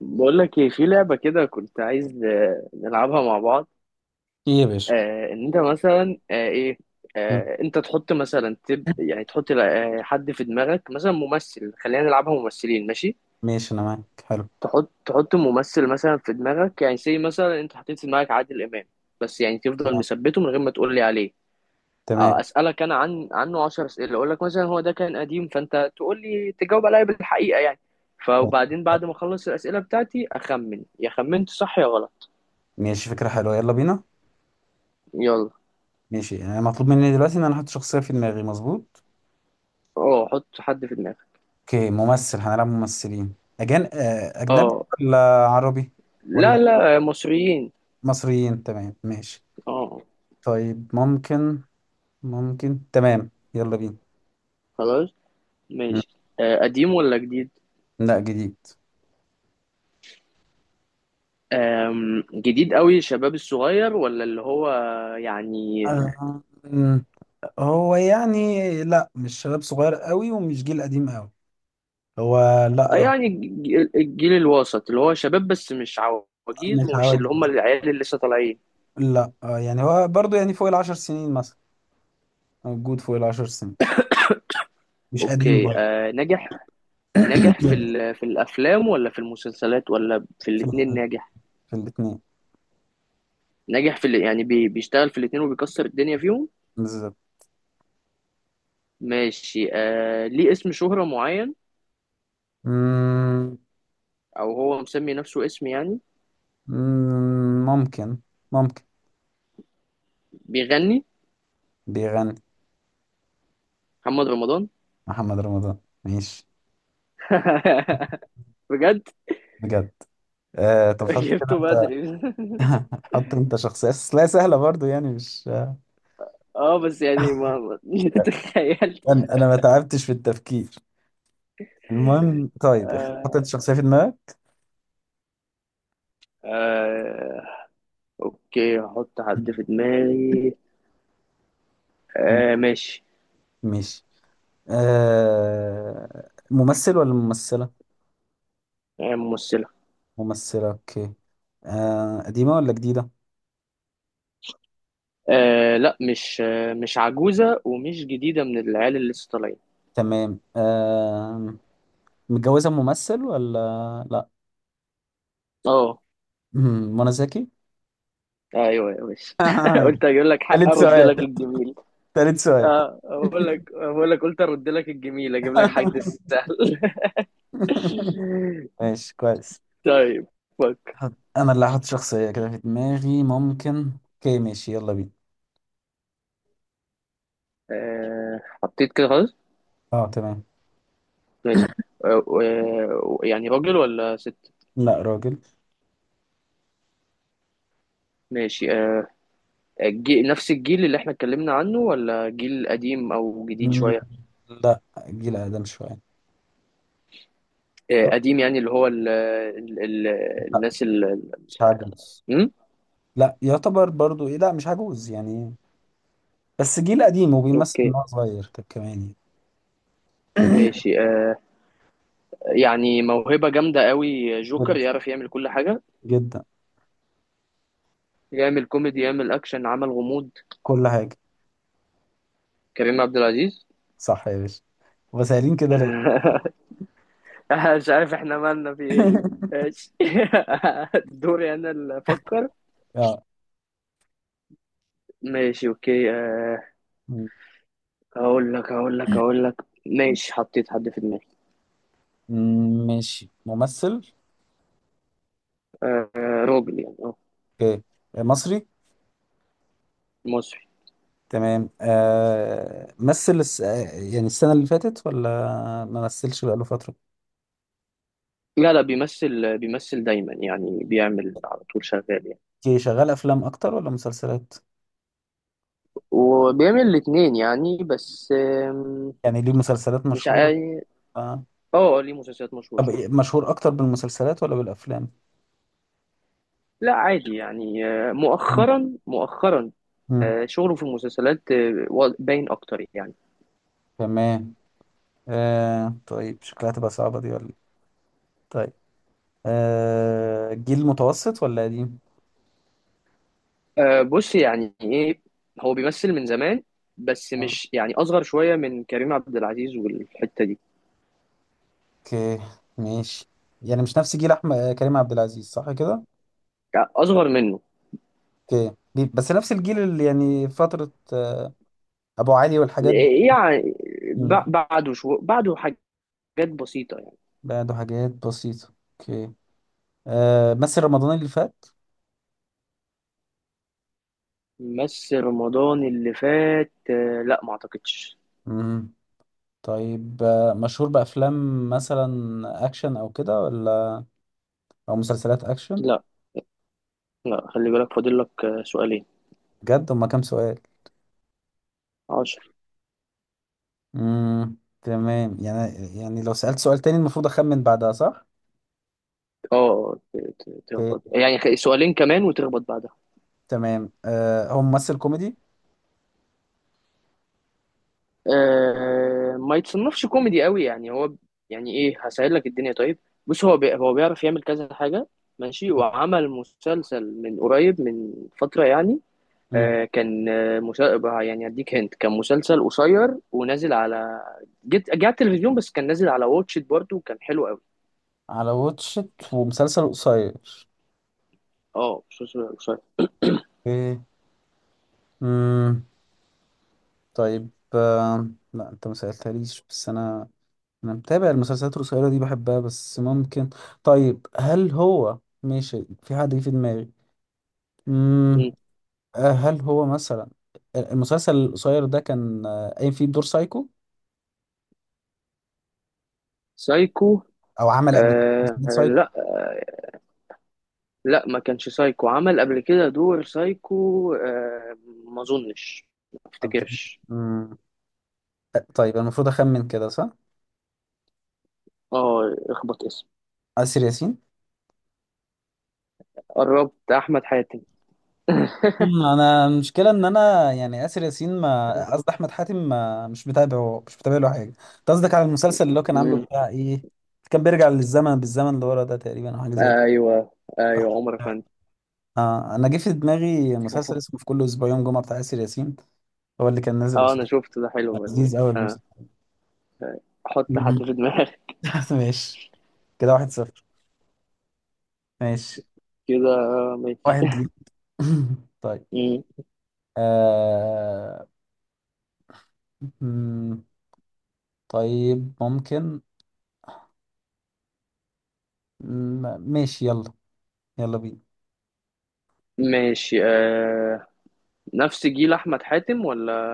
بقول لك ايه في لعبة كده كنت عايز نلعبها مع بعض. ايه يا باشا؟ آه ان انت مثلا آه ايه ها، انت تحط مثلا يعني تحط حد في دماغك، مثلا ممثل. خلينا نلعبها ممثلين، ماشي. ماشي انا معاك. حلو. تحط ممثل مثلا في دماغك، يعني زي مثلا انت حطيت في دماغك عادل امام، بس يعني تفضل تمام، مثبته من غير ما تقول لي عليه. تمام. اسالك انا عنه 10 اسئله، اقول لك مثلا هو ده كان قديم، فانت تقول لي تجاوب عليا بالحقيقه يعني، طيب. فوبعدين بعد ما اخلص الاسئله بتاعتي اخمن، يا خمنت صح يا غلط. ماشي، فكرة حلوة، يلا بينا. يلا. ماشي، انا مطلوب مني دلوقتي ان انا احط شخصية في دماغي. مظبوط. اه، حط حد في دماغك. اوكي، ممثل، هنلعب ممثلين. أجان... آه، اجنبي اه. ولا عربي ولا لا، لا، مصريين. مصريين؟ تمام، ماشي. اه. طيب، ممكن، تمام، يلا بينا. خلاص. مم. ماشي. قديم ولا جديد؟ لا، جديد. جديد قوي، الشباب الصغير ولا اللي هو يعني؟ آه، مم، هو يعني، لا مش شباب صغير قوي ومش جيل قديم قوي. هو، لا. يعني الجيل الوسط اللي هو شباب، بس مش عواجيز مش ومش عواجيز. اللي هم العيال اللي لسه طالعين. لا، يعني هو برضه يعني فوق العشر سنين مثلا. موجود فوق العشر سنين. مش قديم اوكي. برضه. نجح في في الافلام ولا في المسلسلات، ولا في في الاتنين ال- ناجح؟ في الاثنين. ناجح في يعني بيشتغل في الاتنين وبيكسر الدنيا فيهم. بالظبط. ماشي. ليه اسم شهرة معين، مم، او هو مسمي نفسه اسم يعني؟ ممكن. ممكن؟ بيغني؟ بيغني. محمد رمضان. محمد رمضان. ماشي. بجد؟ بجد. طب حط كده جبته انت. بدري. حط انت شخصية، بس لا سهلة برضه يعني مش. اه، بس يعني ما تخيلت. انا ما تعبتش في التفكير. المهم، طيب. آه. حطيت شخصية في دماغك. آه اوكي، هحط حد في دماغي. ماشي. ماشي. ممثل ولا ممثلة؟ ممثلة. ممثلة، اوكي. قديمة ولا جديدة؟ لا، مش عجوزة، ومش جديدة من العيال اللي لسه طالعين. تمام. متجوزة ممثل، ولا لا؟ اه. منى زكي؟ ايوه يا باشا، قلت اجيب لك حق تالت ارد لك سؤال، الجميل. تالت سؤال. اه، بقول لك قلت ارد لك الجميل، اجيب لك حد سهل. ماشي، كويس. طيب. فك. انا اللي هحط شخصية كده في دماغي. ممكن، اوكي، ماشي، يلا بينا. حطيت كده خلاص. اه، تمام. ماشي. يعني راجل ولا ست؟ لا، راجل. ماشي. نفس الجيل اللي احنا اتكلمنا عنه، ولا جيل قديم او جديد مم، شوية؟ لا، جيل اقدم شوية. شوية. قديم، يعني اللي هو لا، الناس مش عجوز. م? لا يعتبر برضو، ايه، لا مش عجوز يعني. بس جيل قديم وبيمثل ان اوكي هو صغير طب، كمان يعني. ماشي. يعني موهبة جامدة قوي، جوكر يعرف يعمل كل حاجة، جدا. يعمل كوميدي، يعمل اكشن، عمل غموض. كل حاجة. كريم عبد العزيز. صح يا باشا. وسائلين كده ليه؟ مش عارف احنا مالنا في ايه. ماشي. دوري انا اللي افكر. اه، ماشي اوكي. م- هقول لك. ماشي، حطيت حد في دماغي. ماشي. ممثل، آه، راجل يعني، اه. اوكي. مصري. مصري. تمام. مثل الس... آه، يعني السنة اللي فاتت ولا ما مثلش بقاله فترة؟ لا، لا، بيمثل دايما، يعني بيعمل على طول، شغال يعني. اوكي، شغال أفلام أكتر ولا مسلسلات؟ وبيعمل الاتنين يعني، بس يعني ليه مسلسلات مش مشهورة؟ عاي... آه. اه، ليه مسلسلات مشهورة. طب إيه، مشهور أكتر بالمسلسلات ولا بالأفلام؟ لا عادي يعني، مم. مؤخرا مؤخرا مم. شغله في المسلسلات باين اكتر يعني. تمام. طيب شكلها تبقى صعبة دي ولا إيه؟ طيب، جيل متوسط ولا قديم؟ أه، بص يعني ايه، هو بيمثل من زمان، بس مش يعني، اصغر شويه من كريم عبد العزيز والحته دي. اوكي، ماشي. يعني مش نفس جيل احمد، كريم عبد العزيز، صح كده؟ يعني اصغر منه. اوكي، بس نفس الجيل اللي يعني فترة، ابو علي والحاجات دي. إيه، يعني مم. بعده شو بعده حاجات بسيطه يعني. بعده حاجات بسيطة. اوكي. مثل رمضان اللي فات. بس رمضان اللي فات لا، ما اعتقدش. مم. طيب، مشهور بافلام مثلا اكشن او كده، ولا او مسلسلات اكشن؟ لا، لا، خلي بالك، فاضل لك سؤالين. بجد؟ هما كام سؤال؟ عشر. مم. تمام يعني. يعني لو سألت سؤال تاني المفروض اخمن بعدها، صح؟ اه، تخبط اوكي. يعني، سؤالين كمان وتخبط بعد. تمام. هو ممثل كوميدي؟ ما يتصنفش كوميدي قوي يعني هو، يعني ايه، هسهل لك الدنيا طيب. بص، هو بيعرف يعمل كذا حاجة، ماشي، وعمل مسلسل من قريب، من فترة يعني. مم. كان يعني هديك هنت، كان مسلسل قصير ونازل على، جه على التلفزيون، بس كان نازل على واتش إت برضه وكان حلو قوي. على واتشت ومسلسل قصير؟ اه، مسلسل قصير. مم. امم طيب، لا انت ما سألتهاليش بس انا متابع المسلسلات القصيرة دي، بحبها بس ممكن. طيب، هل هو ماشي؟ في حد جه في دماغي. امم مم. هل هو مثلا المسلسل القصير ده كان قايم فيه بدور سايكو، سايكو. او عمل قبل كده مسلسل سايكو؟ لا، لا، ما كانش سايكو، عمل قبل كده دور سايكو ما اظنش، ما افتكرش. امم طيب المفروض اخمن كده، صح؟ اه، اخبط اسم. آسر ياسين. قربت، احمد حاتم. انا المشكله ان انا يعني اسر ياسين، ما قصدي احمد حاتم، ما مش متابعه، مش متابع له حاجه. انت قصدك على المسلسل اللي هو كان عامله مم. بتاع ايه؟ كان بيرجع للزمن، بالزمن اللي ورا ده تقريبا، او حاجه زي كده. ايوه، ايوه. عمر افندي. اه، انا جه في دماغي مسلسل اسمه في كل اسبوع يوم جمعه بتاع اسر ياسين. هو اللي كان نازل اه، انا قصير. شفته ده، حلو بس. لذيذ قوي آه. المسلسل. احط حد مم. في دماغي. ماشي. كده واحد صفر. ماشي. كده، ماشي. واحد ليك. طيب. مم. آه... مم، طيب، ممكن. مم، ماشي، يلا، يلا بينا. ماشي. نفس جيل احمد حاتم ولا؟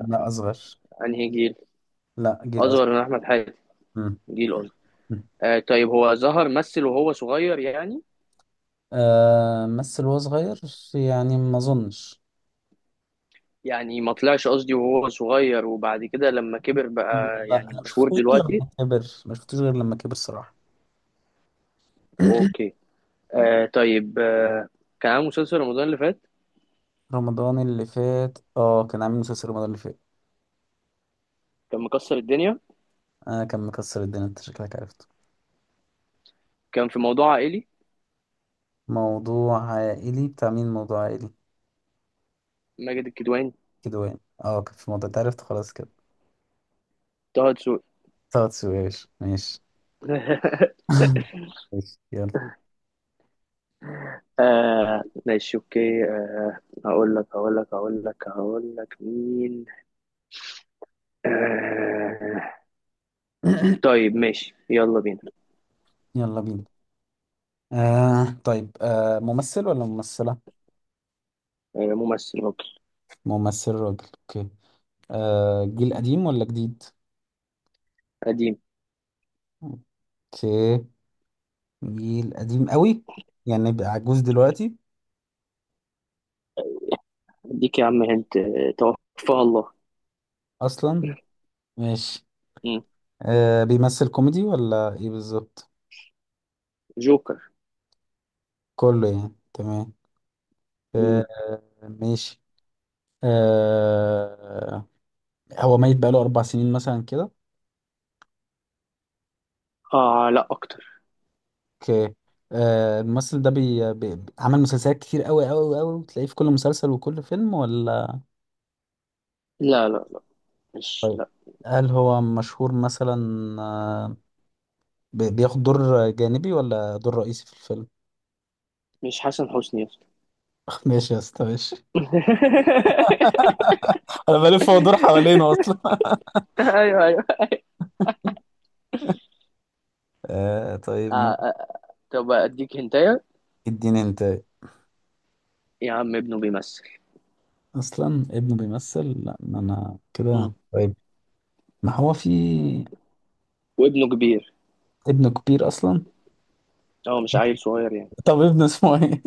لا، أصغر. انهي جيل؟ لا، جيل أصغر. اصغر من احمد حاتم؟ مم. جيل اصغر. مم. طيب، هو ظهر مثل وهو صغير يعني؟ مثل وهو صغير يعني؟ ما أظنش. يعني ما طلعش، قصدي وهو صغير وبعد كده لما كبر بقى. لا، يعني أنا ما مشهور شفتوش غير دلوقتي؟ لما كبر، ما شفتوش غير لما كبر صراحة. اوكي. طيب. كان عامل مسلسل رمضان اللي فات، رمضان اللي فات، كان عامل مسلسل رمضان اللي فات. كان مكسر الدنيا، أنا، كان مكسر الدنيا. أنت شكلك عرفته. كان في موضوع عائلي، موضوع عائلي بتاع مين؟ موضوع عائلي؟ ماجد الكدواني، كده يعني، كان في موضوع، أنت عرفت خلاص كده. طه دسوقي. ثلاث سويش، ماشي. ماشي، يلا. ماشي اوكي. هقول لك مين. آه طيب، ماشي يلا بينا. يلا بينا. طيب، ممثل ولا ممثلة؟ ممثل راجل. ممثل، راجل، اوكي. جيل قديم ولا جديد؟ قديم. اوكي. جيل قديم قوي؟ يعني يبقى عجوز دلوقتي. اديك يا عم، هنت، توفاه الله. اصلا. ماشي. مم. بيمثل كوميدي ولا ايه بالظبط؟ جوكر. كله يعني. تمام. آه، مم. ماشي. آه هو ميت بقاله اربع سنين مثلا كده؟ اه، لا اكتر. اوكي. الممثل ده عمل مسلسلات كتير قوي قوي قوي وتلاقيه في كل مسلسل وكل فيلم، ولا؟ لا، لا، لا. مش، لا. هل هو مشهور مثلا؟ آه بياخد دور جانبي ولا دور رئيسي في الفيلم؟ مش حسن حسني يا اسطى؟ ماشي يا اسطى، ماشي. انا بلف وادور حوالينه اصلا. ايوه، ايوه. طيب، آه ممكن. آه. طب اديك هنتايه. تديني انت؟ يا عم، ابنه بيمثل، اصلا ابنه بيمثل؟ لا، ما انا كده طيب. ما هو في. وابنه كبير، ابنه كبير اصلا. هو مش عيل صغير يعني. طب ابنه اسمه ايه؟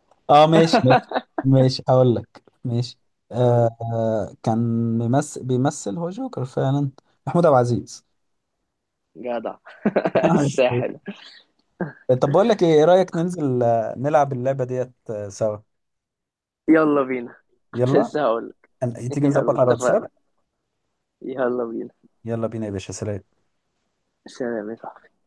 اه، ماشي، ماشي. ماشي، هقول لك، ماشي. هقول- كان بيمثل هو جوكر فعلا. محمود عبد العزيز. جدع. الساحل. طب، بقول لك ايه، إيه رايك ننزل نلعب اللعبه ديت سوا؟ يلا بينا. كنت يلا. لسه هقول. تيجي يلا، نظبط على الواتساب. اتفقنا. يلا بينا. يلا بينا. يا باشا، سلام. سلام يا صاحبي.